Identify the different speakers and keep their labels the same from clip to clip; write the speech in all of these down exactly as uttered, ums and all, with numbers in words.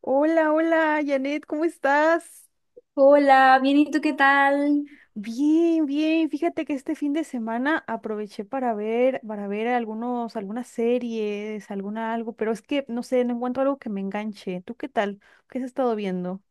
Speaker 1: Hola, hola, Janet, ¿cómo estás?
Speaker 2: Hola, bien, ¿y tú qué tal?
Speaker 1: Bien, bien. Fíjate que este fin de semana aproveché para ver, para ver algunos, algunas series, alguna algo, pero es que no sé, no encuentro algo que me enganche. ¿Tú qué tal? ¿Qué has estado viendo?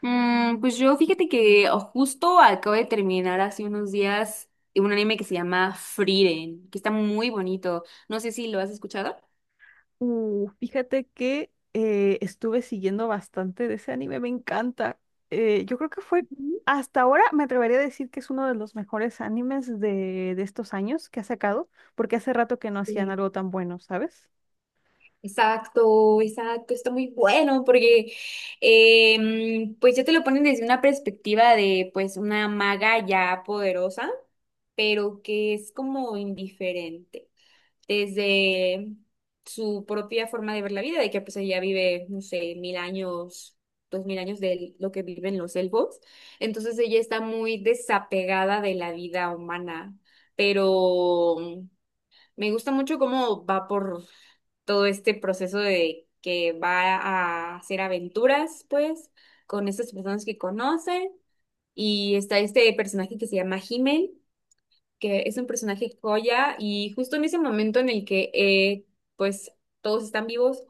Speaker 2: Mm, pues yo fíjate que justo acabo de terminar hace unos días un anime que se llama Frieren, que está muy bonito. No sé si lo has escuchado.
Speaker 1: Uh, fíjate que eh, estuve siguiendo bastante de ese anime, me encanta. Eh, yo creo que fue,
Speaker 2: Ujú.
Speaker 1: hasta ahora me atrevería a decir que es uno de los mejores animes de, de estos años que ha sacado, porque hace rato que no hacían
Speaker 2: Sí.
Speaker 1: algo tan bueno, ¿sabes?
Speaker 2: Exacto, exacto, está muy bueno porque eh, pues ya te lo ponen desde una perspectiva de pues una maga ya poderosa, pero que es como indiferente. Desde su propia forma de ver la vida, de que pues ella vive, no sé, mil años, dos mil años de lo que viven los elfos. Entonces ella está muy desapegada de la vida humana, pero me gusta mucho cómo va por todo este proceso de que va a hacer aventuras, pues, con estas personas que conoce. Y está este personaje que se llama Himmel, que es un personaje joya y justo en ese momento en el que eh, pues todos están vivos,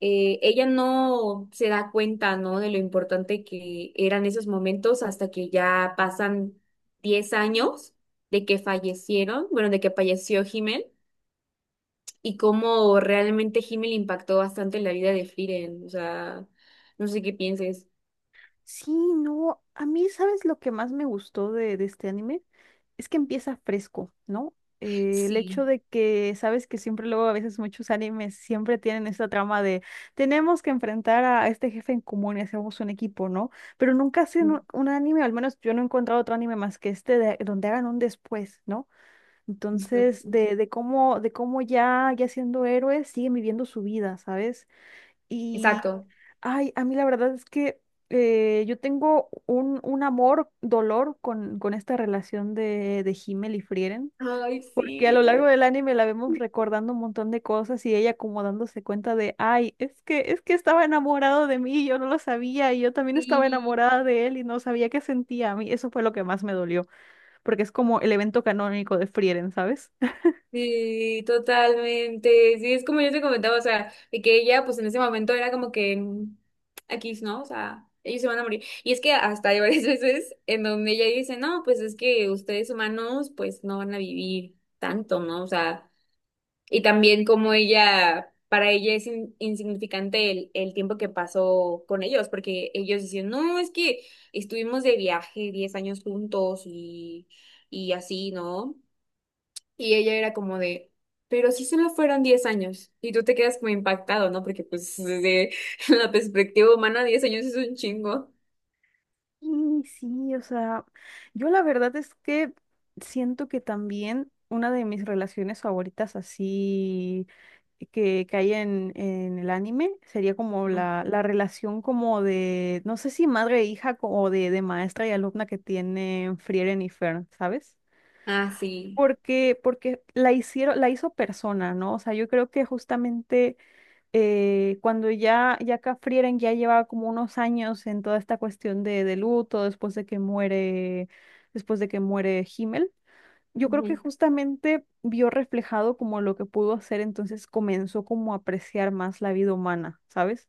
Speaker 2: eh, ella no se da cuenta, ¿no? De lo importante que eran esos momentos hasta que ya pasan diez años de que fallecieron, bueno, de que falleció Himmel y cómo realmente Himmel impactó bastante en la vida de Frieren, o sea, no sé qué pienses.
Speaker 1: Sí, no, a mí, ¿sabes lo que más me gustó de, de este anime? Es que empieza fresco, ¿no? Eh, el
Speaker 2: Sí.
Speaker 1: hecho de que, sabes que siempre luego a veces muchos animes siempre tienen esta trama de tenemos que enfrentar a, a este jefe en común y hacemos un equipo, ¿no? Pero nunca hacen
Speaker 2: Ujú.
Speaker 1: un, un anime, al menos yo no he encontrado otro anime más que este de- donde hagan un después, ¿no? Entonces, de, de cómo, de cómo ya, ya siendo héroes, siguen viviendo su vida, ¿sabes?
Speaker 2: Exacto.
Speaker 1: Ay, a mí la verdad es que eh, yo tengo un, un amor, dolor con, con esta relación de, de Himmel y Frieren,
Speaker 2: Ay,
Speaker 1: porque a
Speaker 2: sí,
Speaker 1: lo
Speaker 2: la
Speaker 1: largo
Speaker 2: verdad.
Speaker 1: del anime la vemos recordando un montón de cosas y ella como dándose cuenta de, ay, es que, es que estaba enamorado de mí y yo no lo sabía y yo también estaba
Speaker 2: Sí.
Speaker 1: enamorada de él y no sabía qué sentía a mí. Eso fue lo que más me dolió, porque es como el evento canónico de Frieren, ¿sabes?
Speaker 2: Sí, totalmente. Sí, es como yo te comentaba, o sea, de que ella, pues en ese momento era como que mm, aquí, ¿no? O sea, ellos se van a morir. Y es que hasta hay varias veces en donde ella dice, no, pues es que ustedes humanos, pues no van a vivir tanto, ¿no? O sea, y también como ella, para ella es in- insignificante el, el tiempo que pasó con ellos, porque ellos dicen, no, es que estuvimos de viaje diez años juntos y, y así, ¿no? Y ella era como de, pero si solo fueron diez años. Y tú te quedas como impactado, ¿no? Porque pues desde la perspectiva humana, diez años es un chingo.
Speaker 1: Y sí, o sea, yo la verdad es que siento que también una de mis relaciones favoritas así que, que hay en, en el anime sería como
Speaker 2: Ujú.
Speaker 1: la, la relación como de, no sé si madre e hija co- o de, de maestra y alumna que tienen Frieren y Fern, ¿sabes?
Speaker 2: Ah, sí.
Speaker 1: Porque, porque la hicieron, la hizo persona, ¿no? O sea, yo creo que justamente eh, cuando ya, ya Cafrieren ya llevaba como unos años en toda esta cuestión de, de luto, después de que muere, después de que muere Himmel. Yo creo que
Speaker 2: Ujú.
Speaker 1: justamente vio reflejado como lo que pudo hacer, entonces comenzó como a apreciar más la vida humana, ¿sabes?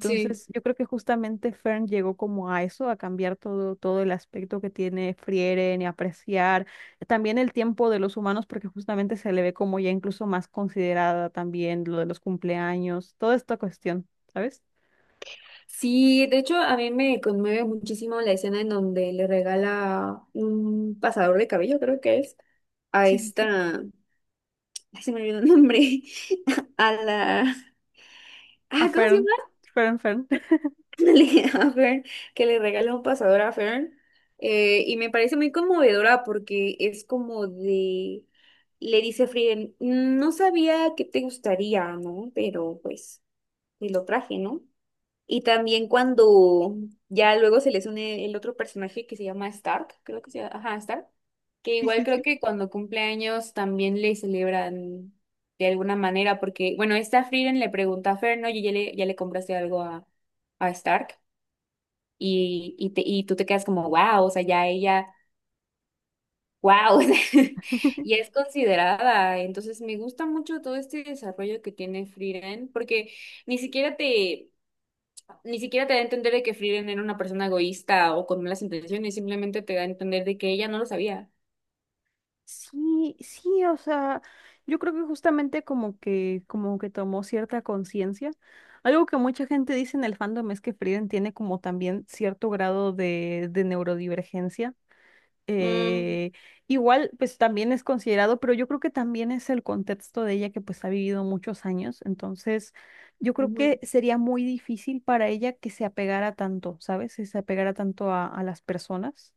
Speaker 2: Sí.
Speaker 1: yo creo que justamente Fern llegó como a eso, a cambiar todo, todo el aspecto que tiene Frieren y apreciar también el tiempo de los humanos, porque justamente se le ve como ya incluso más considerada también lo de los cumpleaños, toda esta cuestión, ¿sabes?
Speaker 2: Sí, de hecho a mí me conmueve muchísimo la escena en donde le regala un pasador de cabello, creo que es, a
Speaker 1: Sí, sí, sí.
Speaker 2: esta, ay, se me olvidó el nombre, a la,
Speaker 1: A
Speaker 2: ah, ¿cómo se
Speaker 1: Fern,
Speaker 2: llama?
Speaker 1: Fern, Fern.
Speaker 2: A Fern, que le regala un pasador a Fern. Eh, y me parece muy conmovedora porque es como de, le dice Frieden, no sabía que te gustaría, ¿no? Pero pues te lo traje, ¿no? Y también cuando ya luego se les une el otro personaje que se llama Stark, creo que se llama, ajá, Stark, que
Speaker 1: Sí,
Speaker 2: igual
Speaker 1: sí,
Speaker 2: creo
Speaker 1: sí.
Speaker 2: que cuando cumple años también le celebran de alguna manera, porque bueno, esta Frieden le pregunta a Fern, ¿no? Y ya le, ya le compraste algo a, a Stark y, y, te- y tú te quedas como, wow, o sea, ya ella, wow, ya es considerada. Entonces me gusta mucho todo este desarrollo que tiene Frieren, porque ni siquiera te, ni siquiera te da a entender de que Frieren era una persona egoísta o con malas intenciones, simplemente te da a entender de que ella no lo sabía.
Speaker 1: Sí, sí, o sea, yo creo que justamente como que, como que tomó cierta conciencia. Algo que mucha gente dice en el fandom es que Frieren tiene como también cierto grado de, de neurodivergencia.
Speaker 2: Mm,
Speaker 1: Eh, igual, pues también es considerado, pero yo creo que también es el contexto de ella que pues ha vivido muchos años. Entonces, yo creo
Speaker 2: Ujú.
Speaker 1: que sería muy difícil para ella que se apegara tanto, ¿sabes? Que se apegara tanto a, a las personas.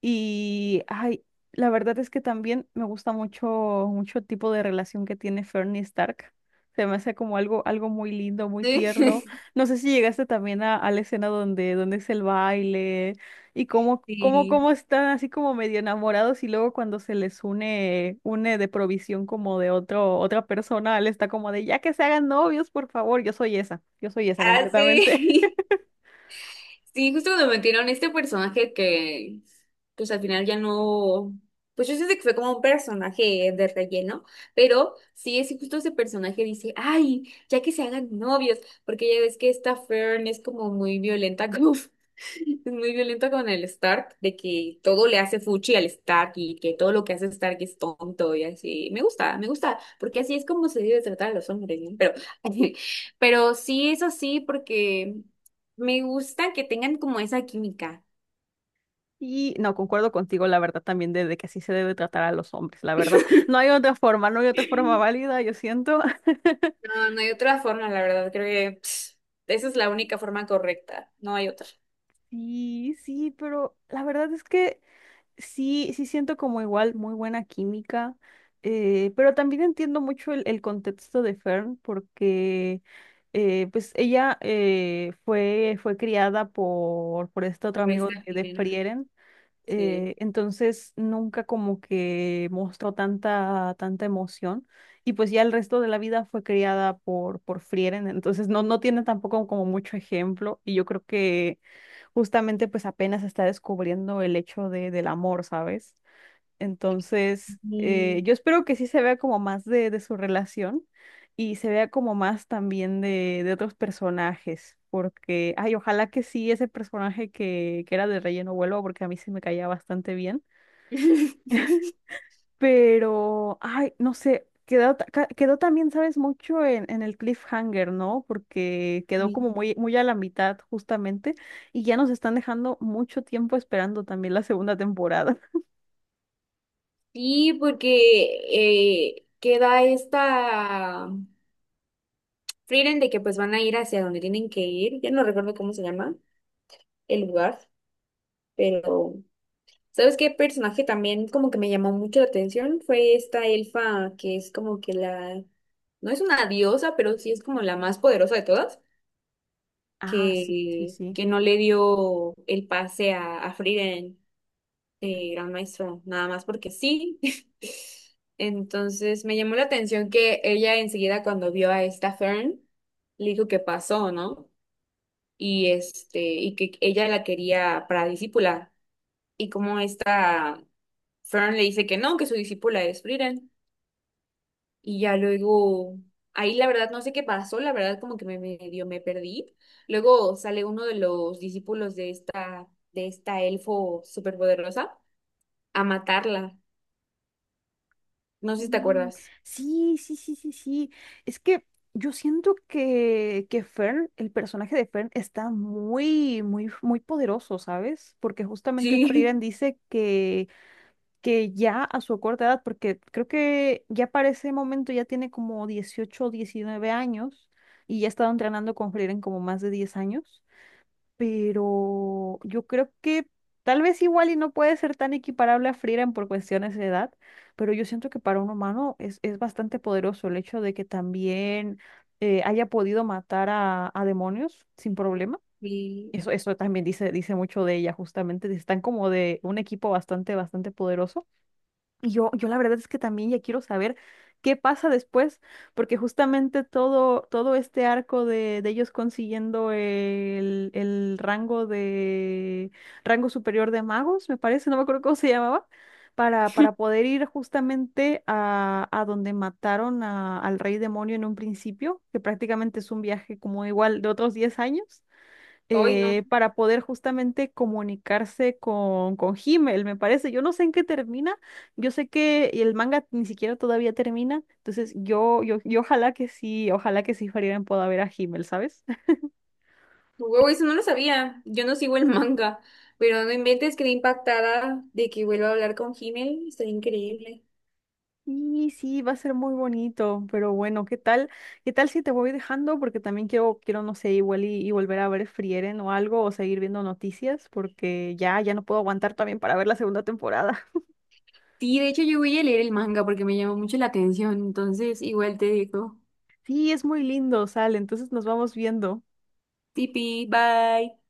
Speaker 1: Y, ay, la verdad es que también me gusta mucho, mucho el tipo de relación que tiene Fernie Stark. Se me hace como algo, algo muy lindo, muy tierno.
Speaker 2: Sí.
Speaker 1: No sé si llegaste también a, a la escena donde, donde es el baile y cómo, cómo,
Speaker 2: Sí.
Speaker 1: cómo están así como medio enamorados y luego cuando se les une, une de provisión como de otro, otra persona, él está como de, ya que se hagan novios, por favor, yo soy esa, yo soy esa
Speaker 2: Ah,
Speaker 1: completamente.
Speaker 2: sí. Sí, justo cuando metieron este personaje que, pues al final ya no, pues yo siento que fue como un personaje de relleno, pero sí, es justo ese personaje dice, ay, ya que se hagan novios, porque ya ves que esta Fern es como muy violenta, como, es muy violenta con el Stark, de que todo le hace fuchi al Stark y que todo lo que hace Stark es tonto y así. Me gusta, me gusta, porque así es como se debe tratar a los hombres, ¿no? Pero, pero sí es así porque... Me gusta que tengan como esa química.
Speaker 1: Y no, concuerdo contigo, la verdad, también de, de que así se debe tratar a los hombres, la verdad. No hay otra forma, no hay otra forma válida, yo siento.
Speaker 2: No, no hay otra forma, la verdad. Creo que pss, esa es la única forma correcta. No hay otra.
Speaker 1: Sí, sí, pero la verdad es que sí, sí siento como igual muy buena química, eh, pero también entiendo mucho el, el contexto de Fern porque eh, pues ella eh, fue, fue criada por, por este otro
Speaker 2: Lo
Speaker 1: amigo
Speaker 2: viste a
Speaker 1: de, de
Speaker 2: Irene.
Speaker 1: Frieren. Eh,
Speaker 2: Sí.
Speaker 1: entonces nunca como que mostró tanta, tanta emoción. Y pues ya el resto de la vida fue criada por, por Frieren, entonces no, no tiene tampoco como mucho ejemplo. Y yo creo que justamente pues apenas está descubriendo el hecho de, del amor, ¿sabes? Entonces, eh,
Speaker 2: Y,
Speaker 1: yo espero que sí se vea como más de, de su relación y se vea como más también de, de otros personajes, porque, ay, ojalá que sí ese personaje que, que era de relleno vuelva, porque a mí se me caía bastante bien. Pero, ay, no sé, quedó, ta- ca- quedó también, sabes, mucho en, en el cliffhanger, ¿no? Porque quedó como muy, muy a la mitad justamente y ya nos están dejando mucho tiempo esperando también la segunda temporada.
Speaker 2: sí porque eh, queda esta Frieren de que pues van a ir hacia donde tienen que ir. Ya no recuerdo cómo se llama el lugar, pero ¿sabes qué personaje también como que me llamó mucho la atención? Fue esta elfa que es como que la, no es una diosa, pero sí es como la más poderosa de todas,
Speaker 1: Ah, sí, sí,
Speaker 2: que,
Speaker 1: sí.
Speaker 2: que no le dio el pase a, a Frieren, eh, Gran Maestro, nada más porque sí. Entonces me llamó la atención que ella enseguida cuando vio a esta Fern, le dijo que pasó, ¿no? Y este, y que ella la quería para discípula. Y como esta Fern le dice que no, que su discípula es Frieren. Y ya luego, ahí la verdad no sé qué pasó, la verdad como que me medio me perdí. Luego sale uno de los discípulos de esta, de esta elfo superpoderosa a matarla. No sé si te
Speaker 1: Mm,
Speaker 2: acuerdas.
Speaker 1: sí, sí, sí, sí, sí. Es que yo siento que, que Fern, el personaje de Fern, está muy, muy, muy poderoso, ¿sabes? Porque justamente Frieren
Speaker 2: Sí.
Speaker 1: dice que, que, ya a su corta edad, porque creo que ya para ese momento ya tiene como dieciocho o diecinueve años y ya ha estado entrenando con Frieren como más de diez años, pero yo creo que tal vez igual y no puede ser tan equiparable a Frieren por cuestiones de edad, pero yo siento que para un humano es, es bastante poderoso el hecho de que también eh, haya podido matar a, a demonios sin problema.
Speaker 2: Y
Speaker 1: Eso, eso también dice, dice mucho de ella, justamente. Están como de un equipo bastante, bastante poderoso. Y Yo, yo la verdad es que también ya quiero saber qué pasa después, porque justamente todo, todo este arco de, de ellos consiguiendo el, el rango de rango superior de magos, me parece, no me acuerdo cómo se llamaba, para, para poder ir justamente a, a donde mataron a- al rey demonio en un principio, que prácticamente es un viaje como igual de otros diez años,
Speaker 2: hoy no.
Speaker 1: eh, para poder justamente comunicarse con, con Himmel, me parece. Yo no sé en qué termina, yo sé que el manga ni siquiera todavía termina, entonces yo, yo, yo ojalá que sí, ojalá que sí Frieren pueda ver a Himmel, ¿sabes?
Speaker 2: Huevo, eso no lo sabía. Yo no sigo el manga. Pero no inventes, quedé impactada de que vuelva a hablar con Himmel. Está increíble.
Speaker 1: Y sí, va a ser muy bonito, pero bueno, ¿qué tal? ¿Qué tal si te voy dejando? Porque también quiero, quiero, no sé, igual y, y volver a ver Frieren o algo, o seguir viendo noticias, porque ya, ya no puedo aguantar también para ver la segunda temporada.
Speaker 2: Sí, de hecho yo voy a leer el manga porque me llamó mucho la atención. Entonces, igual te digo.
Speaker 1: Sí, es muy lindo, sale, entonces nos vamos viendo.
Speaker 2: Tipi, bye.